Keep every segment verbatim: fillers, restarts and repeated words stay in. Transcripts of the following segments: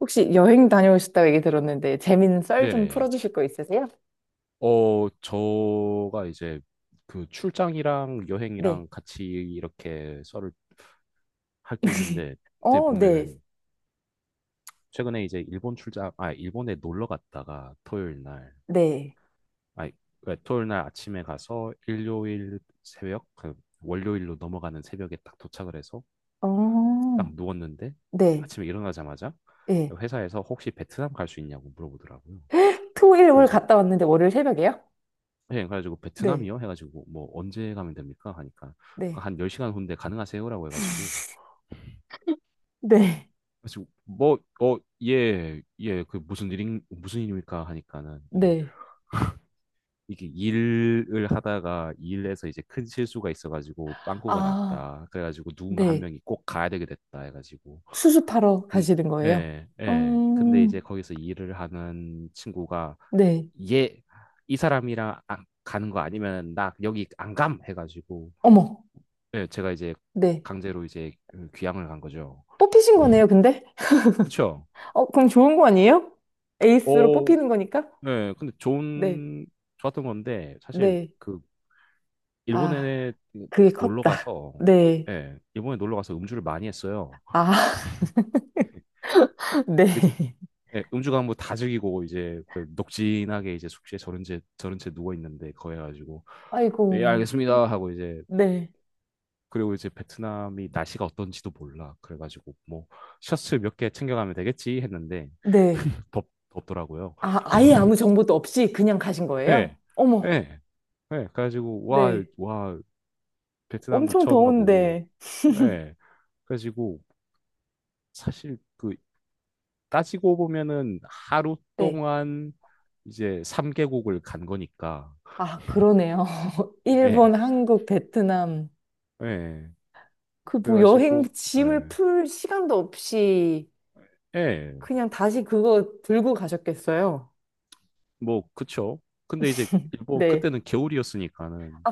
혹시 여행 다녀오셨다고 얘기 들었는데 재밌는 썰 좀 네네. 풀어주실 거 있으세요? 어, 저가 이제 그 출장이랑 네. 여행이랑 같이 이렇게 썰을 할 게 있는데, 그때 어, 네. 보면은 최근에 이제 일본 출장, 아, 일본에 놀러 갔다가 토요일 날, 네. 아, 토요일 날 아침에 가서 일요일 새벽, 그 월요일로 넘어가는 새벽에 딱 도착을 해서 어, 딱 누웠는데 네. 아침에 일어나자마자 예. 회사에서 혹시 베트남 갈 수 있냐고 물어보더라고요. 토일 월 그래서 갔다 왔는데 월요일 새벽에요? 예, 그래가지고 네. 베트남이요? 해가지고 뭐 언제 가면 됩니까? 하니까 그러니까 네. 한 열 시간 후인데 가능하세요라고 해가지고 네. 그래서 뭐 어, 예, 예, 그 무슨 일인 무슨 일입니까? 하니까는 이게 네. 이게 일을 하다가 일에서 이제 큰 실수가 있어가지고 빵꾸가 아, 났다. 그래가지고 누군가 한 네. 명이 꼭 가야 되게 됐다 해가지고 수습하러 근 가시는 거예요? 예, 예. 근데 음, 이제 거기서 일을 하는 친구가 네. 얘 이 사람이랑 안- 가는 거 아니면 나 여기 안 감 해가지고 어머. 네, 제가 이제 네. 강제로 이제 귀향을 간 거죠. 뽑히신 거네요, 근데? 그쵸? 어, 그럼 좋은 거 아니에요? 에이스로 오, 뽑히는 거니까? 네, 근데 네. 좋은, 좋았던 건데, 사실 네. 그, 아, 일본에 그게 그 놀러 컸다. 가서, 네. 예, 일본에 놀러 가서 음주를 많이 했어요. 아, 이제, 네. 예, 음주 가면 뭐다 즐기고, 이제, 그 녹진하게 이제 숙소에 저런 채, 저런 채 누워있는데, 거해 가지고, 아이고, 예, 알겠습니다. 하고 이제, 네. 그리고 이제 베트남이 날씨가 어떤지도 몰라. 그래가지고, 뭐, 셔츠 몇 개 챙겨가면 되겠지 했는데, 네. 덥, 덥더라고요. 아, 아예 아무 정보도 없이 그냥 가신 거예요? 예, 예, 어머, 예. 그래가지고 와, 네. 와, 베트남도 엄청 처음 가보고, 더운데. 예. 그래가지고 사실 그 따지고 보면은 하루 네. 동안 이제 삼 개국 간 거니까, 아, 그러네요. 예, 일본, 한국, 베트남. 예. 그 뭐 여행 그래가지고, 짐을 예, 풀 시간도 없이 예. 그냥 다시 그거 들고 가셨겠어요? 뭐 그쵸. 근데 이제 일본 네. 그때는 겨울이었으니까는 아,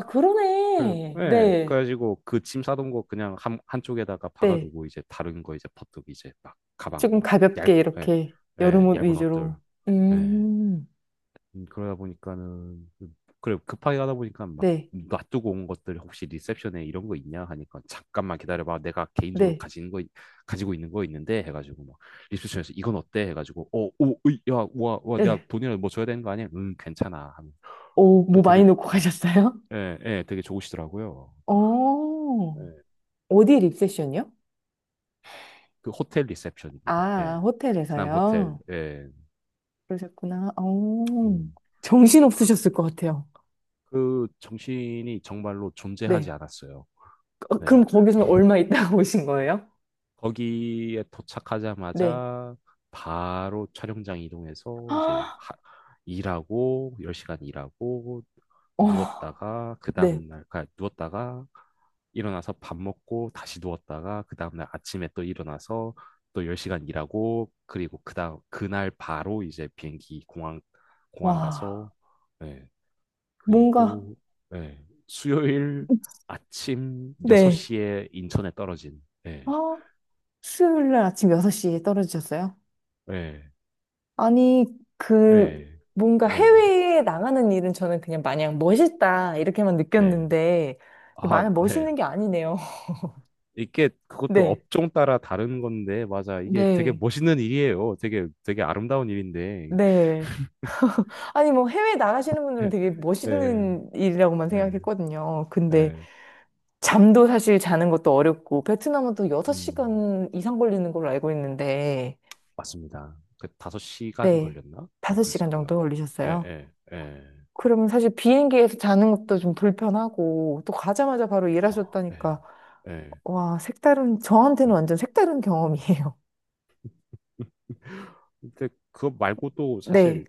그래, 그러네. 예, 네. 그래가지고 그 짐 싸던 거 그냥 한, 한쪽에다가 네. 박아두고 이제 다른 거 이제 퍼뜩 이제 막 가방 조금 막 얇, 가볍게 예, 이렇게 여름 예, 옷 얇은 옷들, 위주로. 예, 음, 음, 그러다 보니까는 그- 그래 급하게 가다 보니까 막 네. 놔두고 온 것들 혹시 리셉션에 이런 거 있냐 하니까 잠깐만 기다려봐 내가 개인적으로 네. 가지는 거 있- 가지고 있는 거 있는데 해가지고 막 리셉션에서 이건 어때 해가지고 어오야와와 내가 네. 돈이라도 뭐 줘야 되는 거 아니야? 응 괜찮아 하면 오, 그 뭐 많이 되게 놓고 음, 가셨어요? 예, 예, 되게 좋으시더라고요. 어, 예. 어디 립세션이요? 그 호텔 리셉션입니다. 아, 예. 베트남 호텔. 호텔에서요? 예. 그러셨구나. 어, 음, 정신 그, 없으셨을 것 같아요. 그 정신이 정말로 존재하지 네. 않았어요. 어, 네. 그럼 거기서는 얼마 있다가 오신 거예요? 거기에 네. 도착하자마자 바로 촬영장 이동해서 이제 아, 하- 일하고 열 시간 일하고 어, 누웠다가 그 네. 다음날 그 누웠다가 일어나서 밥 먹고 다시 누웠다가 그 다음날 아침에 또 일어나서 또 열 시간 일하고 그리고 그다음 그날 바로 이제 비행기 공항 공항 와, 가서 예, 뭔가, 그리고 예, 수요일 아침 네. 여섯 시에 인천에 떨어진 아, 예, 수요일 날 아침 여섯 시에 떨어지셨어요? 예, 아니, 그, 네. 뭔가 네네. 해외에 나가는 일은 저는 그냥 마냥 멋있다, 이렇게만 네. 느꼈는데, 이게 아, 마냥 네. 멋있는 게 아니네요. 이게 그것도 네, 업종 따라 다른 건데, 맞아. 이게 되게 네, 멋있는 일이에요. 되게, 되게 아름다운 일인데. 네. 아니, 뭐 해외 나가시는 분들은 예, 되게 예, 멋있는 일이라고만 예. 생각했거든요. 근데 예. 잠도 사실 자는 것도 어렵고, 베트남은 또 음, 여섯 시간 이상 걸리는 걸로 알고 있는데, 맞습니다. 그 다섯 시간 네, 걸렸나? 뭐 그랬을 다섯 시간 정도 거예요. 예, 걸리셨어요. 예, 예. 그러면 사실 비행기에서 자는 것도 좀 불편하고, 또 가자마자 바로 허, 예, 일하셨다니까. 예, 와, 색다른, 예. 저한테는 완전 색다른 경험이에요. 근데 그거 말고도 네. 사실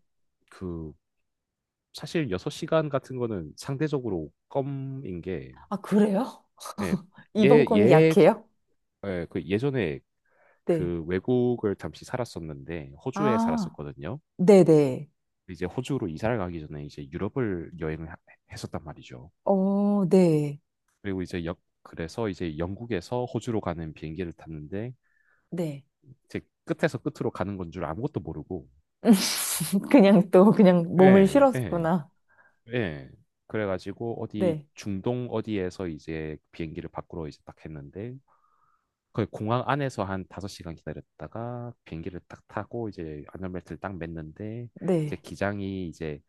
그, 사실 여섯 시간 같은 거는 상대적으로 껌인 게, 아, 그래요? 예, 이번 예, 건 예, 약해요? 예, 그 예전에 네. 그 외국을 잠시 살았었는데 호주에 아, 살았었거든요. 네네. 이제 호주로 이사를 가기 전에 이제 유럽을 여행을 하- 했었단 말이죠. 어, 네. 그리고 이제 역 그래서 이제 영국에서 호주로 가는 비행기를 탔는데 네. 제 끝에서 끝으로 가는 건 줄 아무것도 모르고 그냥 또, 그냥 몸을 예, 예, 실었구나. 예. 그래가지고 어디 네. 중동 어디에서 이제 비행기를 밖으로 이제 딱 했는데 그 공항 안에서 한 다섯 시간 기다렸다가 비행기를 딱 타고 이제 안전벨트를 딱 맸는데 이제 네. 기장이 이제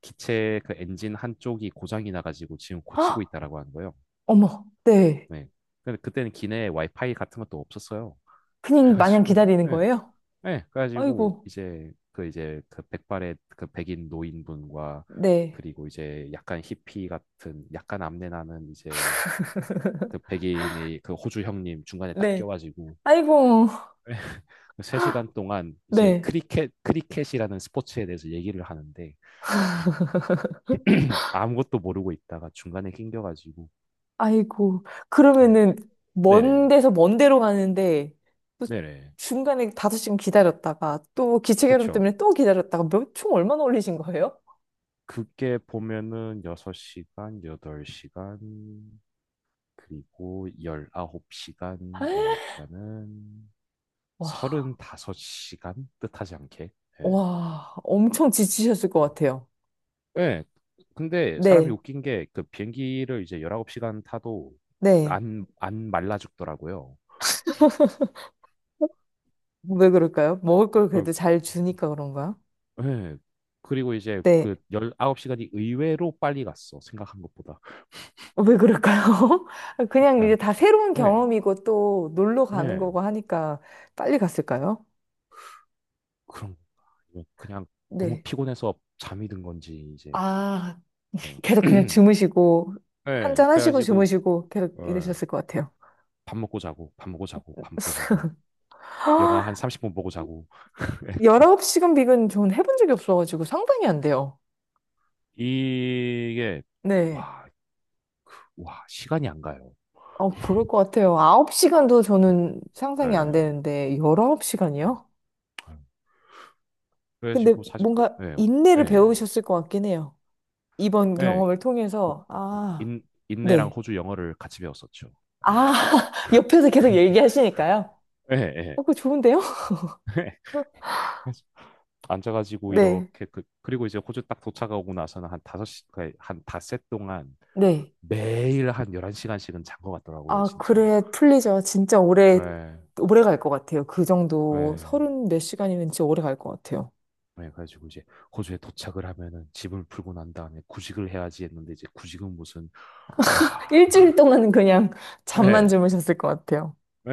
기체 그 엔진 한쪽이 고장이 나가지고 지금 고치고 헉! 있다라고 하는 거예요. 어머, 네. 네. 근데 그때는 기내에 와이파이 같은 것도 없었어요. 그냥 마냥 그래가지고, 기다리는 네. 거예요? 네. 그래가지고 아이고, 이제 그 이제 그 백발의 그 백인 노인분과 네. 그리고 이제 약간 히피 같은 약간 암내 나는 이제 그 백인의 그 호주 형님 중간에 딱 네. 껴가지고 아이고, 세 시간 동안 이제 네. 크리켓 크리켓이라는 스포츠에 대해서 얘기를 하는데 아무것도 모르고 있다가 중간에 낑겨가지고 아이고, 그러면은, 네. 먼 네네 데서 먼 데로 가는데, 또 네네 중간에 다섯 시간 기다렸다가, 또 기체결함 그쵸. 때문에 또 기다렸다가, 몇 총 얼마나 올리신 거예요? 그게 보면은 여섯 시간, 여덟 시간, 그리고 열아홉 시간이니까는 와, 서른다섯 시간? 뜻하지 않게. 예. 와, 엄청 지치셨을 것 어. 같아요. 예. 근데 사람이 네, 웃긴 게 그 비행기를 이제 열아홉 시간 타도 네. 안, 안 말라 죽더라고요. 왜 그럴까요? 먹을 걸 어, 그래도 잘 주니까 그런가요? 예. 그리고 이제 네. 그 열아홉 시간이 의외로 빨리 갔어. 생각한 것보다. 왜 그럴까요? 그냥 이제 그러니까요. 다 새로운 예. 경험이고 또 놀러 가는 예. 거고 하니까 빨리 갔을까요? 그런 건가? 아니면 그냥 너무 네. 피곤해서 잠이 든 건지 이제 아, 그냥 계속 그냥 주무시고 한 네, 잔하시고 그래가지고 주무시고 계속 어, 이러셨을 것 같아요. 밥 먹고 자고 밥 먹고 자고 밥 먹고 자고 영화 한 삼십 분 보고 자고 열아홉 시간 비근 저는 해본 적이 없어가지고 상상이 안 돼요. 이게 네. 와, 와 시간이 안 가요. 어, 부를 것 같아요. 아홉 시간도 네, 저는 상상이 안 되는데 네. 열아홉 시간이요? 근데 그래가지고 사실 그 뭔가 예. 인내를 예. 배우셨을 것 같긴 해요. 이번 예. 경험을 그 통해서 아, 인, 인내랑 네. 호주 영어를 같이 배웠었죠. 예. 아, 옆에서 계속 얘기하시니까요. 예. 예. 어, 그거 좋은데요? 앉아가지고 네. 이렇게 그 그리고 이제 호주 딱 도착하고 나서는 한 다섯 시 그러니까 한 닷새 동안 네. 매일 한 열한 시간씩은 잔 것 같더라고요, 아, 진짜. 그래, 풀리죠. 진짜 오래, 예. 오래 갈 것 같아요. 그 정도 예. 서른 몇 시간이면 진짜 오래 갈 것 같아요. 예, 그래가지고 이제 호주에 도착을 하면은 집을 풀고 난 다음에 구직을 해야지 했는데 이제 구직은 무슨 와. 일주일 동안은 그냥 잠만 예. 주무셨을 것 같아요. 예.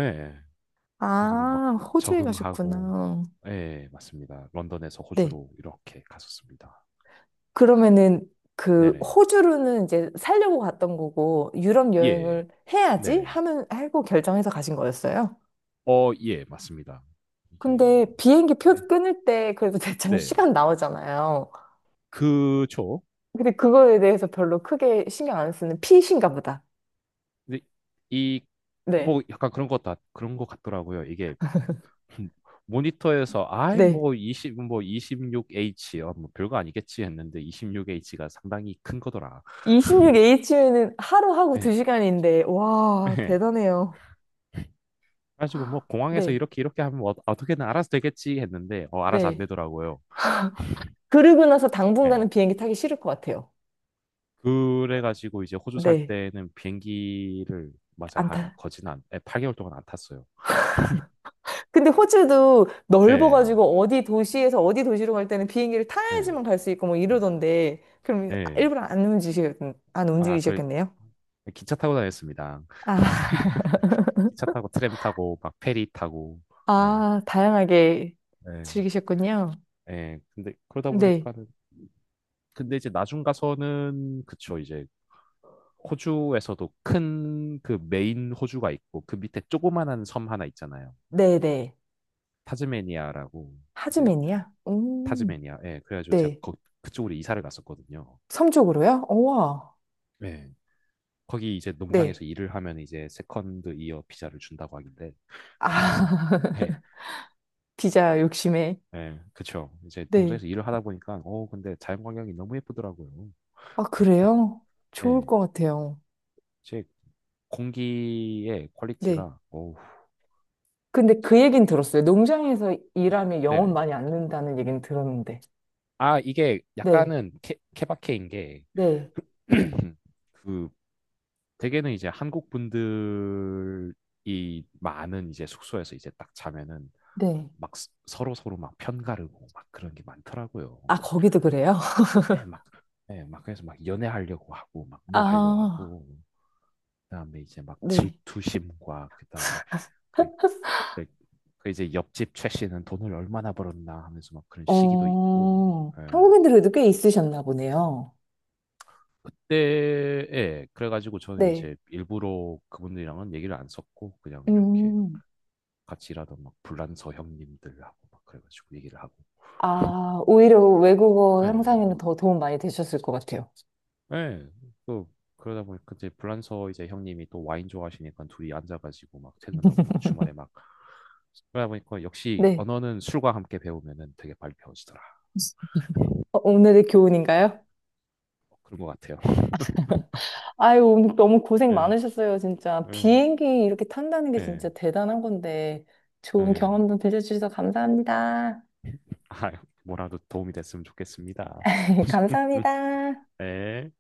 그래가지고 막 아, 호주에 적응하고 가셨구나. 예, 맞습니다. 런던에서 네. 호주로 이렇게 갔었습니다. 그러면은 그 네네. 호주로는 이제 살려고 갔던 거고 유럽 예. 여행을 해야지 네네. 하면 하고 결정해서 가신 거였어요. 어, 예, 맞습니다. 이게 근데 비행기 표 네. 끊을 때 그래도 대충 네. 시간 나오잖아요. 그쵸. 근데 그거에 대해서 별로 크게 신경 안 쓰는 피신가 보다. 근데 이, 네. 뭐, 약간 그런 것 같, 그런 것 같더라고요. 이게, 모니터에서, 아이, 네. 뭐, 이십 뭐, 이십육 시간, 어, 뭐, 별거 아니겠지 했는데, 이십육 에이치가 상당히 큰 거더라. 이십육 에이치는 하루하고 예, 두 시간인데, 와, 예. 대단해요. 그래가지고, 뭐, 공항에서 네, 이렇게, 이렇게 하면 어, 어떻게든 알아서 되겠지 했는데, 어, 알아서 안 네. 되더라고요. 그러고 나서 예. 당분간은 비행기 타기 싫을 것 같아요. 그래가지고, 이제 호주 살 네, 때는 비행기를, 맞아, 안 한, 타. 거진 한, 예, 팔 개월 동안 안 탔어요. 근데 호주도 예, 넓어가지고 어디 도시에서 어디 도시로 갈 때는 비행기를 예, 타야지만 갈 수 있고 뭐 예. 이러던데, 그럼 예. 일부러 안 움직이셨, 안 아, 그 움직이셨겠네요? 기차 타고 다녔습니다. 아, 기차 타고 트램 타고 막 페리 타고. 예. 아, 다양하게 예. 즐기셨군요. 예. 근데 그러다 네, 보니까는 근데 이제 나중 가서는 그쵸 이제 호주에서도 큰 그 메인 호주가 있고 그 밑에 조그만한 섬 하나 있잖아요. 네네. 타즈메니아라고 이제 하즈맨이야? 음, 타즈메니아. 예. 그래가지고 제가 네. 거, 그쪽으로 이사를 갔었거든요. 섬 쪽으로요? 우와. 예. 거기 이제 네. 농장에서 일을 하면 이제 세컨드 이어 비자를 준다고 하길래 예. 아, 피자 욕심에. 예, 그쵸. 이제 네. 농장에서 일을 하다 보니까, 어, 근데 자연 광경이 너무 예쁘더라고요. 아, 그래요? 좋을 예, 것 같아요. 제 공기의 네. 퀄리티가, 어 근데 그 얘긴 들었어요. 농장에서 일하면 영혼 네네. 많이 안 는다는 얘긴 들었는데. 아, 이게 네. 약간은 케, 케바케인 게, 네. 그, 대개는 이제 한국 분들이 많은 이제 숙소에서 이제 딱 자면은 네. 막 스- 서로 서로 막 편가르고 막 그런 게 많더라고요. 아, 막, 거기도 그래요? 예, 막, 예, 막 그래서 막 연애하려고 하고 막 뭐 하려고 아, 하고 그다음에 이제 막 네. 질투심과 그다음에 그, 그, 그 이제 옆집 최 씨는 돈을 얼마나 벌었나 하면서 막 그런 시기도 있고 어, 예. 한국인들도 꽤 있으셨나 보네요. 그때에 그래가지고 저는 네. 이제 일부러 그분들이랑은 얘기를 안 썼고 그냥 이렇게 음. 같이 일하던 막 불란서 형님들하고 막 그래가지고 얘기를 하고 아, 오히려 외국어 예. 향상에는 더 도움 많이 되셨을 것 같아요. 예. 그 그러다 보니까 그때 불란서 이제 형님이 또 와인 좋아하시니까 둘이 앉아가지고 막 퇴근하고 막 주말에 막 그러다 보니까 역시 네. 언어는 술과 함께 배우면은 되게 빨리 배워지더라고요. 어, 오늘의 교훈인가요? 어, 그런 것 같아요. 아유, 오늘 너무 고생 네, 많으셨어요, 진짜. 네, 비행기 이렇게 탄다는 게 네, 진짜 대단한 건데, 좋은 네. 경험도 들려주셔서 감사합니다. 아, 뭐라도 도움이 됐으면 좋겠습니다. 감사합니다. 네.